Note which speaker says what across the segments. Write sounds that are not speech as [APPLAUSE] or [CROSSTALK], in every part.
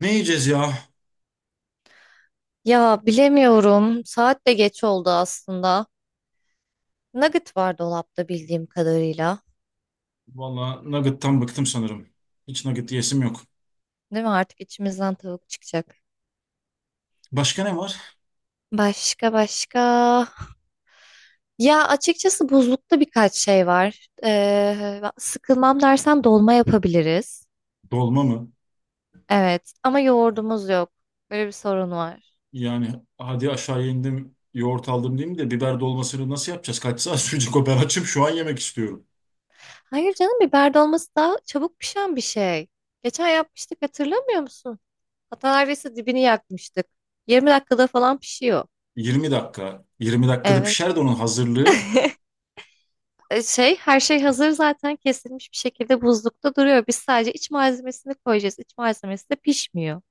Speaker 1: Ne yiyeceğiz ya?
Speaker 2: Ya bilemiyorum. Saat de geç oldu aslında. Nugget var dolapta bildiğim kadarıyla.
Speaker 1: Valla nugget'tan bıktım sanırım. Hiç nugget yiyesim yok.
Speaker 2: Değil mi? Artık içimizden tavuk çıkacak.
Speaker 1: Başka ne var?
Speaker 2: Başka başka. Ya açıkçası buzlukta birkaç şey var. Sıkılmam dersen dolma yapabiliriz.
Speaker 1: Dolma mı?
Speaker 2: Evet ama yoğurdumuz yok. Böyle bir sorun var.
Speaker 1: Yani hadi aşağı indim, yoğurt aldım diyeyim de biber dolmasını nasıl yapacağız? Kaç saat [LAUGHS] sürecek o? Ben açım şu an yemek istiyorum.
Speaker 2: Hayır canım biber dolması daha çabuk pişen bir şey. Geçen yapmıştık hatırlamıyor musun? Hatta neredeyse dibini yakmıştık. 20 dakikada falan pişiyor.
Speaker 1: 20 dakika. 20 dakikada
Speaker 2: Evet.
Speaker 1: pişer de onun hazırlığı.
Speaker 2: [LAUGHS] Her şey hazır zaten kesilmiş bir şekilde buzlukta duruyor. Biz sadece iç malzemesini koyacağız. İç malzemesi de pişmiyor.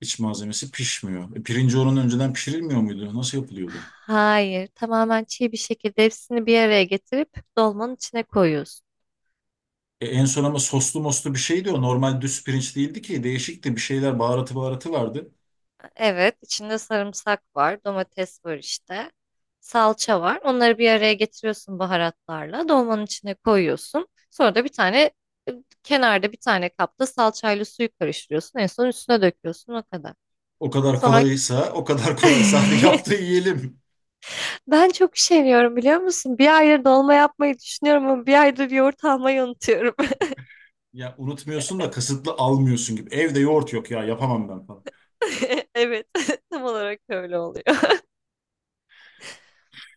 Speaker 1: İç malzemesi pişmiyor. Pirinci onun önceden pişirilmiyor muydu? Nasıl yapılıyordu?
Speaker 2: Hayır, tamamen çiğ bir şekilde hepsini bir araya getirip dolmanın içine koyuyorsun.
Speaker 1: En son ama soslu moslu bir şeydi o. Normal düz pirinç değildi ki. Değişikti. Bir şeyler baharatı vardı.
Speaker 2: Evet, içinde sarımsak var, domates var işte, salça var. Onları bir araya getiriyorsun baharatlarla, dolmanın içine koyuyorsun. Sonra da bir tane e, kenarda bir tane kapta salçayla suyu karıştırıyorsun. En son üstüne döküyorsun o kadar.
Speaker 1: O kadar
Speaker 2: Sonra
Speaker 1: kolaysa, o kadar kolaysa [LAUGHS] hadi yap da
Speaker 2: [LAUGHS]
Speaker 1: yiyelim.
Speaker 2: ben çok üşeniyorum biliyor musun? Bir aydır dolma yapmayı düşünüyorum ama bir aydır yoğurt almayı unutuyorum.
Speaker 1: Ya unutmuyorsun da kasıtlı almıyorsun gibi. Evde yoğurt yok ya yapamam ben falan.
Speaker 2: [LAUGHS] Evet, [LAUGHS] tam olarak öyle oluyor.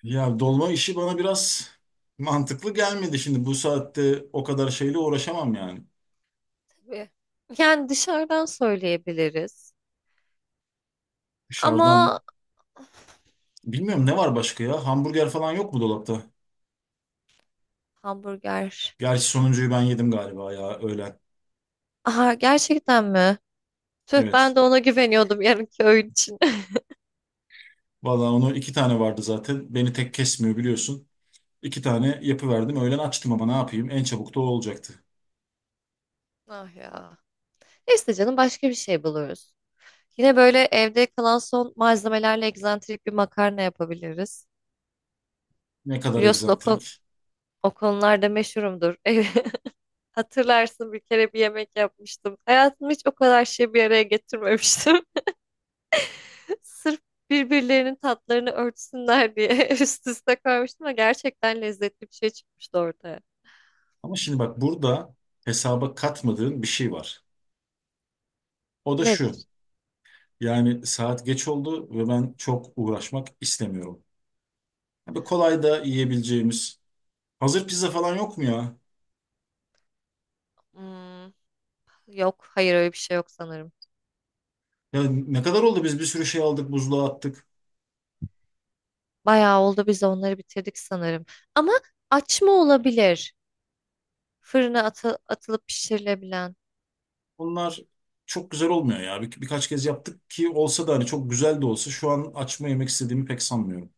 Speaker 1: Ya dolma işi bana biraz mantıklı gelmedi şimdi. Bu saatte o kadar şeyle uğraşamam yani.
Speaker 2: Tabii. Yani dışarıdan söyleyebiliriz. Ama
Speaker 1: Dışarıdan bilmiyorum ne var başka ya? Hamburger falan yok mu dolapta?
Speaker 2: hamburger.
Speaker 1: Gerçi sonuncuyu ben yedim galiba ya öğlen.
Speaker 2: Aha gerçekten mi? Tüh
Speaker 1: Evet.
Speaker 2: ben de ona güveniyordum yarınki öğün için. [LAUGHS]
Speaker 1: Valla onu iki tane vardı zaten. Beni tek kesmiyor biliyorsun. İki tane yapıverdim. Öğlen açtım ama ne yapayım? En çabuk da o olacaktı.
Speaker 2: Ah ya. Neyse canım başka bir şey buluruz. Yine böyle evde kalan son malzemelerle egzantrik bir makarna yapabiliriz.
Speaker 1: Ne kadar
Speaker 2: Biliyorsun o,
Speaker 1: egzantrik.
Speaker 2: o konularda meşhurumdur. [LAUGHS] Hatırlarsın bir kere bir yemek yapmıştım. Hayatımda hiç o kadar şey bir araya getirmemiştim. [LAUGHS] Sırf birbirlerinin tatlarını örtsünler diye [LAUGHS] üst üste koymuştum ve gerçekten lezzetli bir şey çıkmıştı ortaya.
Speaker 1: Ama şimdi bak burada hesaba katmadığın bir şey var. O da şu.
Speaker 2: Nedir?
Speaker 1: Yani saat geç oldu ve ben çok uğraşmak istemiyorum. Böyle kolay da yiyebileceğimiz. Hazır pizza falan yok mu ya?
Speaker 2: Hmm, Yok, hayır öyle bir şey yok sanırım.
Speaker 1: Ya ne kadar oldu biz bir sürü şey aldık, buzluğa attık.
Speaker 2: Bayağı oldu biz de onları bitirdik sanırım. Ama açma olabilir. Fırına atılıp pişirilebilen.
Speaker 1: Bunlar çok güzel olmuyor ya. Birkaç kez yaptık ki olsa da hani çok güzel de olsa şu an açma yemek istediğimi pek sanmıyorum.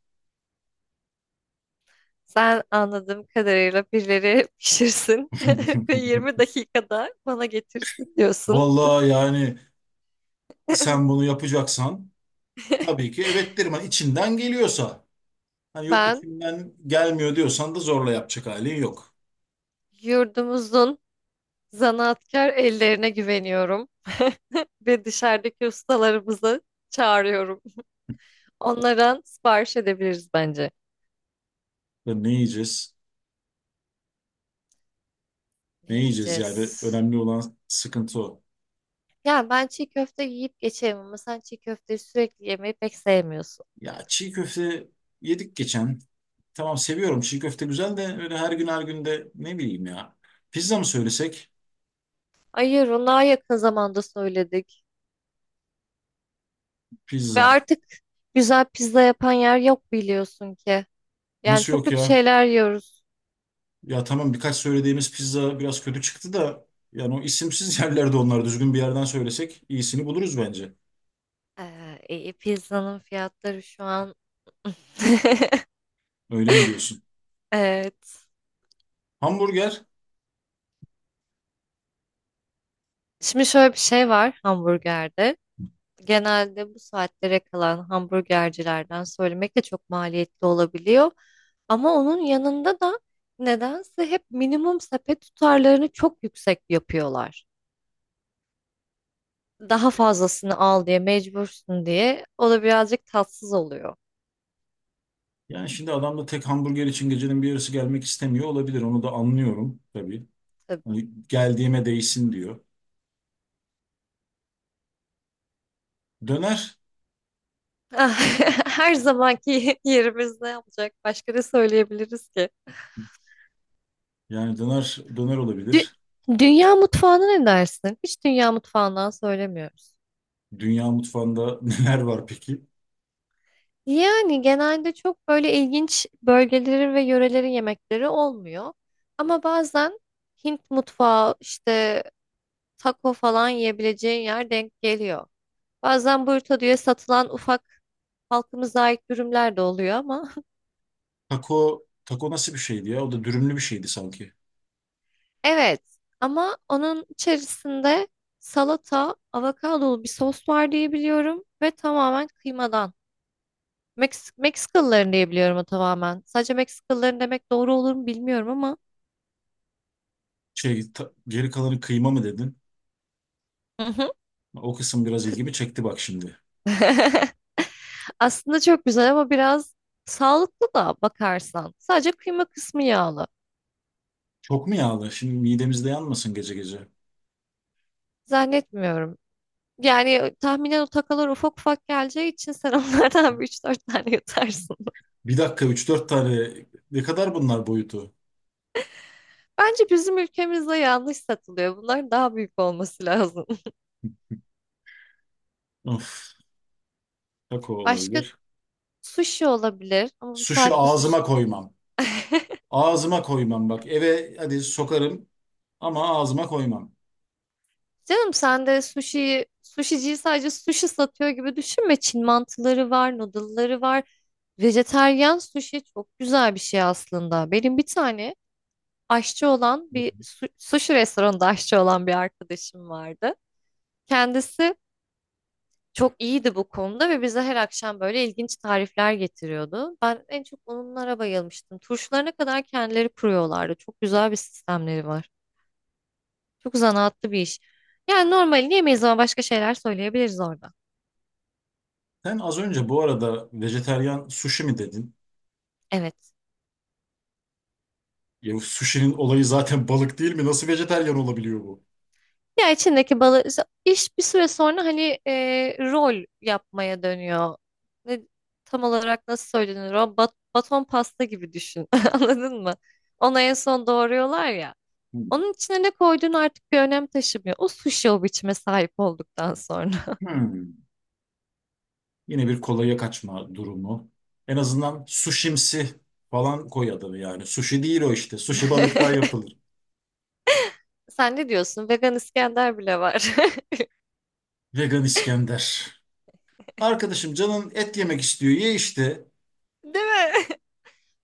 Speaker 2: Sen anladığım kadarıyla birileri [LAUGHS] pişirsin [LAUGHS] ve 20
Speaker 1: [LAUGHS]
Speaker 2: dakikada bana getirsin diyorsun.
Speaker 1: Vallahi yani sen
Speaker 2: [LAUGHS]
Speaker 1: bunu yapacaksan tabii ki evet derim. Hani içinden geliyorsa. Hani yok
Speaker 2: Ben
Speaker 1: içimden gelmiyor diyorsan da zorla yapacak halin yok.
Speaker 2: yurdumuzun zanaatkar ellerine güveniyorum [LAUGHS] ve dışarıdaki ustalarımızı çağırıyorum. Onlardan sipariş edebiliriz bence.
Speaker 1: Ya ne yiyeceğiz?
Speaker 2: Ne
Speaker 1: Ne yiyeceğiz yani
Speaker 2: yiyeceğiz?
Speaker 1: önemli olan sıkıntı o.
Speaker 2: Ya ben çiğ köfte yiyip geçeyim ama sen çiğ köfteyi sürekli yemeyi pek sevmiyorsun.
Speaker 1: Ya çiğ köfte yedik geçen. Tamam seviyorum çiğ köfte güzel de öyle her gün her gün de ne bileyim ya. Pizza mı söylesek?
Speaker 2: Hayır, ona yakın zamanda söyledik. Ve
Speaker 1: Pizza.
Speaker 2: artık güzel pizza yapan yer yok biliyorsun ki. Yani
Speaker 1: Nasıl
Speaker 2: çok
Speaker 1: yok
Speaker 2: kötü
Speaker 1: ya?
Speaker 2: şeyler yiyoruz.
Speaker 1: Ya tamam birkaç söylediğimiz pizza biraz kötü çıktı da yani o isimsiz [LAUGHS] yerlerde onlar düzgün bir yerden söylesek iyisini buluruz bence.
Speaker 2: İyi, pizzanın fiyatları şu an [LAUGHS]
Speaker 1: Öyle mi diyorsun?
Speaker 2: evet.
Speaker 1: Hamburger
Speaker 2: Şimdi şöyle bir şey var hamburgerde. Genelde bu saatlere kalan hamburgercilerden söylemek de çok maliyetli olabiliyor. Ama onun yanında da nedense hep minimum sepet tutarlarını çok yüksek yapıyorlar. Daha fazlasını al diye mecbursun diye o da birazcık tatsız oluyor.
Speaker 1: yani şimdi adam da tek hamburger için gecenin bir yarısı gelmek istemiyor olabilir. Onu da anlıyorum tabii.
Speaker 2: Tabii.
Speaker 1: Hani geldiğime değsin diyor. Döner
Speaker 2: Ah, [LAUGHS] her zamanki yerimiz ne yapacak? Başka ne söyleyebiliriz ki?
Speaker 1: yani döner
Speaker 2: Dü-
Speaker 1: olabilir.
Speaker 2: Dünya mutfağına ne dersin? Hiç dünya mutfağından söylemiyoruz.
Speaker 1: Dünya mutfağında [LAUGHS] neler var peki?
Speaker 2: Yani genelde çok böyle ilginç bölgelerin ve yörelerin yemekleri olmuyor. Ama bazen Hint mutfağı işte taco falan yiyebileceğin yer denk geliyor. Bazen burrito diye satılan ufak halkımıza ait dürümler de oluyor ama. [LAUGHS]
Speaker 1: Taco nasıl bir şeydi ya? O da dürümlü bir şeydi sanki.
Speaker 2: Evet ama onun içerisinde salata, avokadolu bir sos var diye biliyorum ve tamamen kıymadan. Meksikalıların diye biliyorum o tamamen. Sadece Meksikalıların demek doğru olur mu bilmiyorum ama.
Speaker 1: Geri kalanı kıyma mı dedin?
Speaker 2: Hı hı.
Speaker 1: O kısım biraz ilgimi çekti bak şimdi.
Speaker 2: [LAUGHS] Aslında çok güzel ama biraz sağlıklı da bakarsan. Sadece kıyma kısmı yağlı.
Speaker 1: Çok mu yağlı? Şimdi midemizde yanmasın gece gece.
Speaker 2: Zannetmiyorum. Yani tahminen o takalar ufak ufak geleceği için sen [LAUGHS] onlardan bir üç dört tane yutarsın.
Speaker 1: Bir dakika üç dört tane ne kadar bunlar boyutu?
Speaker 2: Bence bizim ülkemizde yanlış satılıyor. Bunlar daha büyük olması lazım.
Speaker 1: Of, taco
Speaker 2: [LAUGHS] Başka
Speaker 1: olabilir.
Speaker 2: sushi olabilir ama bu
Speaker 1: Sushi
Speaker 2: saatte sushi.
Speaker 1: ağzıma koymam. Ağzıma koymam bak. Eve hadi sokarım ama ağzıma koymam.
Speaker 2: Canım sen de sushi'yi, sushiciyi sadece sushi satıyor gibi düşünme. Çin mantıları var, noodle'ları var. Vejeteryan sushi çok güzel bir şey aslında. Benim bir tane aşçı olan bir sushi restoranında aşçı olan bir arkadaşım vardı. Kendisi çok iyiydi bu konuda ve bize her akşam böyle ilginç tarifler getiriyordu. Ben en çok onlara bayılmıştım. Turşularına kadar kendileri kuruyorlardı. Çok güzel bir sistemleri var. Çok zanaatlı bir iş. Yani normalini yemeyiz ama başka şeyler söyleyebiliriz orada.
Speaker 1: Sen az önce bu arada vejeteryan sushi mi dedin?
Speaker 2: Evet.
Speaker 1: Ya sushi'nin olayı zaten [LAUGHS] balık değil mi? Nasıl vejeteryan olabiliyor bu?
Speaker 2: Ya içindeki balı iş bir süre sonra hani rol yapmaya dönüyor. Ne, tam olarak nasıl söylenir o? Baton pasta gibi düşün. [LAUGHS] Anladın mı? Ona en son doğruyorlar ya.
Speaker 1: Hmm.
Speaker 2: Onun içine ne koyduğun artık bir önem taşımıyor. O sushi o biçime sahip olduktan sonra.
Speaker 1: Hmm. Yine bir kolaya kaçma durumu. En azından sushimsi falan koy adını yani. Sushi değil o işte. Sushi balıktan
Speaker 2: [LAUGHS]
Speaker 1: yapılır.
Speaker 2: Sen ne diyorsun? Vegan İskender bile var.
Speaker 1: Vegan İskender. Arkadaşım canın et yemek istiyor. Ye işte.
Speaker 2: [LAUGHS] Değil mi?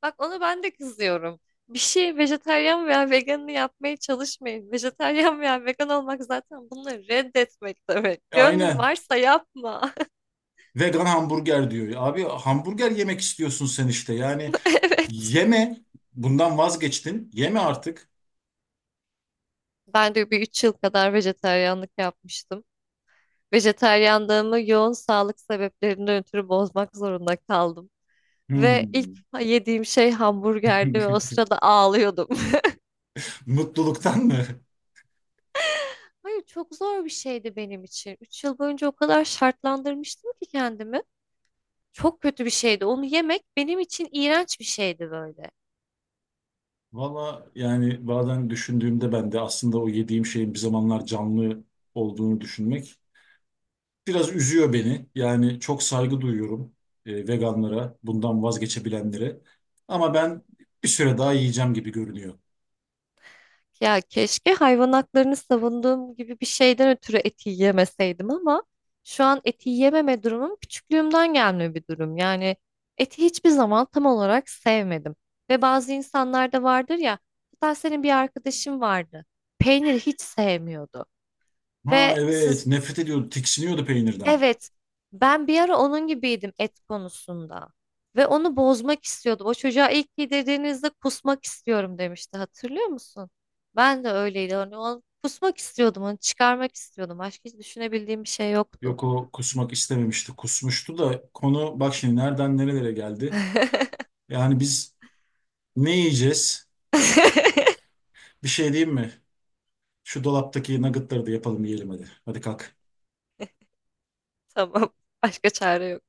Speaker 2: Bak ona ben de kızıyorum. Bir şey vejetaryen veya veganını yapmaya çalışmayın. Vejetaryen veya vegan olmak zaten bunları reddetmek demek. Gönlün
Speaker 1: Aynen.
Speaker 2: varsa yapma.
Speaker 1: Vegan hamburger diyor. Abi hamburger yemek istiyorsun sen işte. Yani
Speaker 2: [LAUGHS] Evet.
Speaker 1: yeme. Bundan vazgeçtin. Yeme artık.
Speaker 2: Ben de bir 3 yıl kadar vejetaryenlik yapmıştım. Vejetaryenliğimi yoğun sağlık sebeplerinden ötürü bozmak zorunda kaldım. Ve ilk
Speaker 1: Hmm.
Speaker 2: yediğim şey hamburgerdi ve o
Speaker 1: [LAUGHS]
Speaker 2: sırada ağlıyordum. [LAUGHS]
Speaker 1: Mutluluktan mı?
Speaker 2: Hayır çok zor bir şeydi benim için. 3 yıl boyunca o kadar şartlandırmıştım ki kendimi. Çok kötü bir şeydi. Onu yemek benim için iğrenç bir şeydi böyle.
Speaker 1: Valla yani bazen düşündüğümde ben de aslında o yediğim şeyin bir zamanlar canlı olduğunu düşünmek biraz üzüyor beni. Yani çok saygı duyuyorum veganlara, bundan vazgeçebilenlere. Ama ben bir süre daha yiyeceğim gibi görünüyor.
Speaker 2: Ya keşke hayvan haklarını savunduğum gibi bir şeyden ötürü eti yemeseydim ama şu an eti yememe durumum küçüklüğümden gelme bir durum. Yani eti hiçbir zaman tam olarak sevmedim. Ve bazı insanlar da vardır ya, hatta senin bir arkadaşın vardı. Peyniri hiç sevmiyordu.
Speaker 1: Ha
Speaker 2: Ve siz
Speaker 1: evet, nefret ediyordu, tiksiniyordu peynirden.
Speaker 2: evet, ben bir ara onun gibiydim et konusunda. Ve onu bozmak istiyordum. O çocuğa ilk yedirdiğinizde kusmak istiyorum demişti. Hatırlıyor musun? Ben de öyleydi. Hani onu kusmak istiyordum, onu çıkarmak istiyordum. Başka hiç düşünebildiğim bir şey yoktu.
Speaker 1: Yok o kusmak istememişti, kusmuştu da konu bak şimdi nereden nerelere geldi.
Speaker 2: [LAUGHS]
Speaker 1: Yani biz ne yiyeceğiz? Bir şey diyeyim mi? Şu dolaptaki nuggetları da yapalım yiyelim hadi. Hadi kalk.
Speaker 2: Tamam, başka çare yok.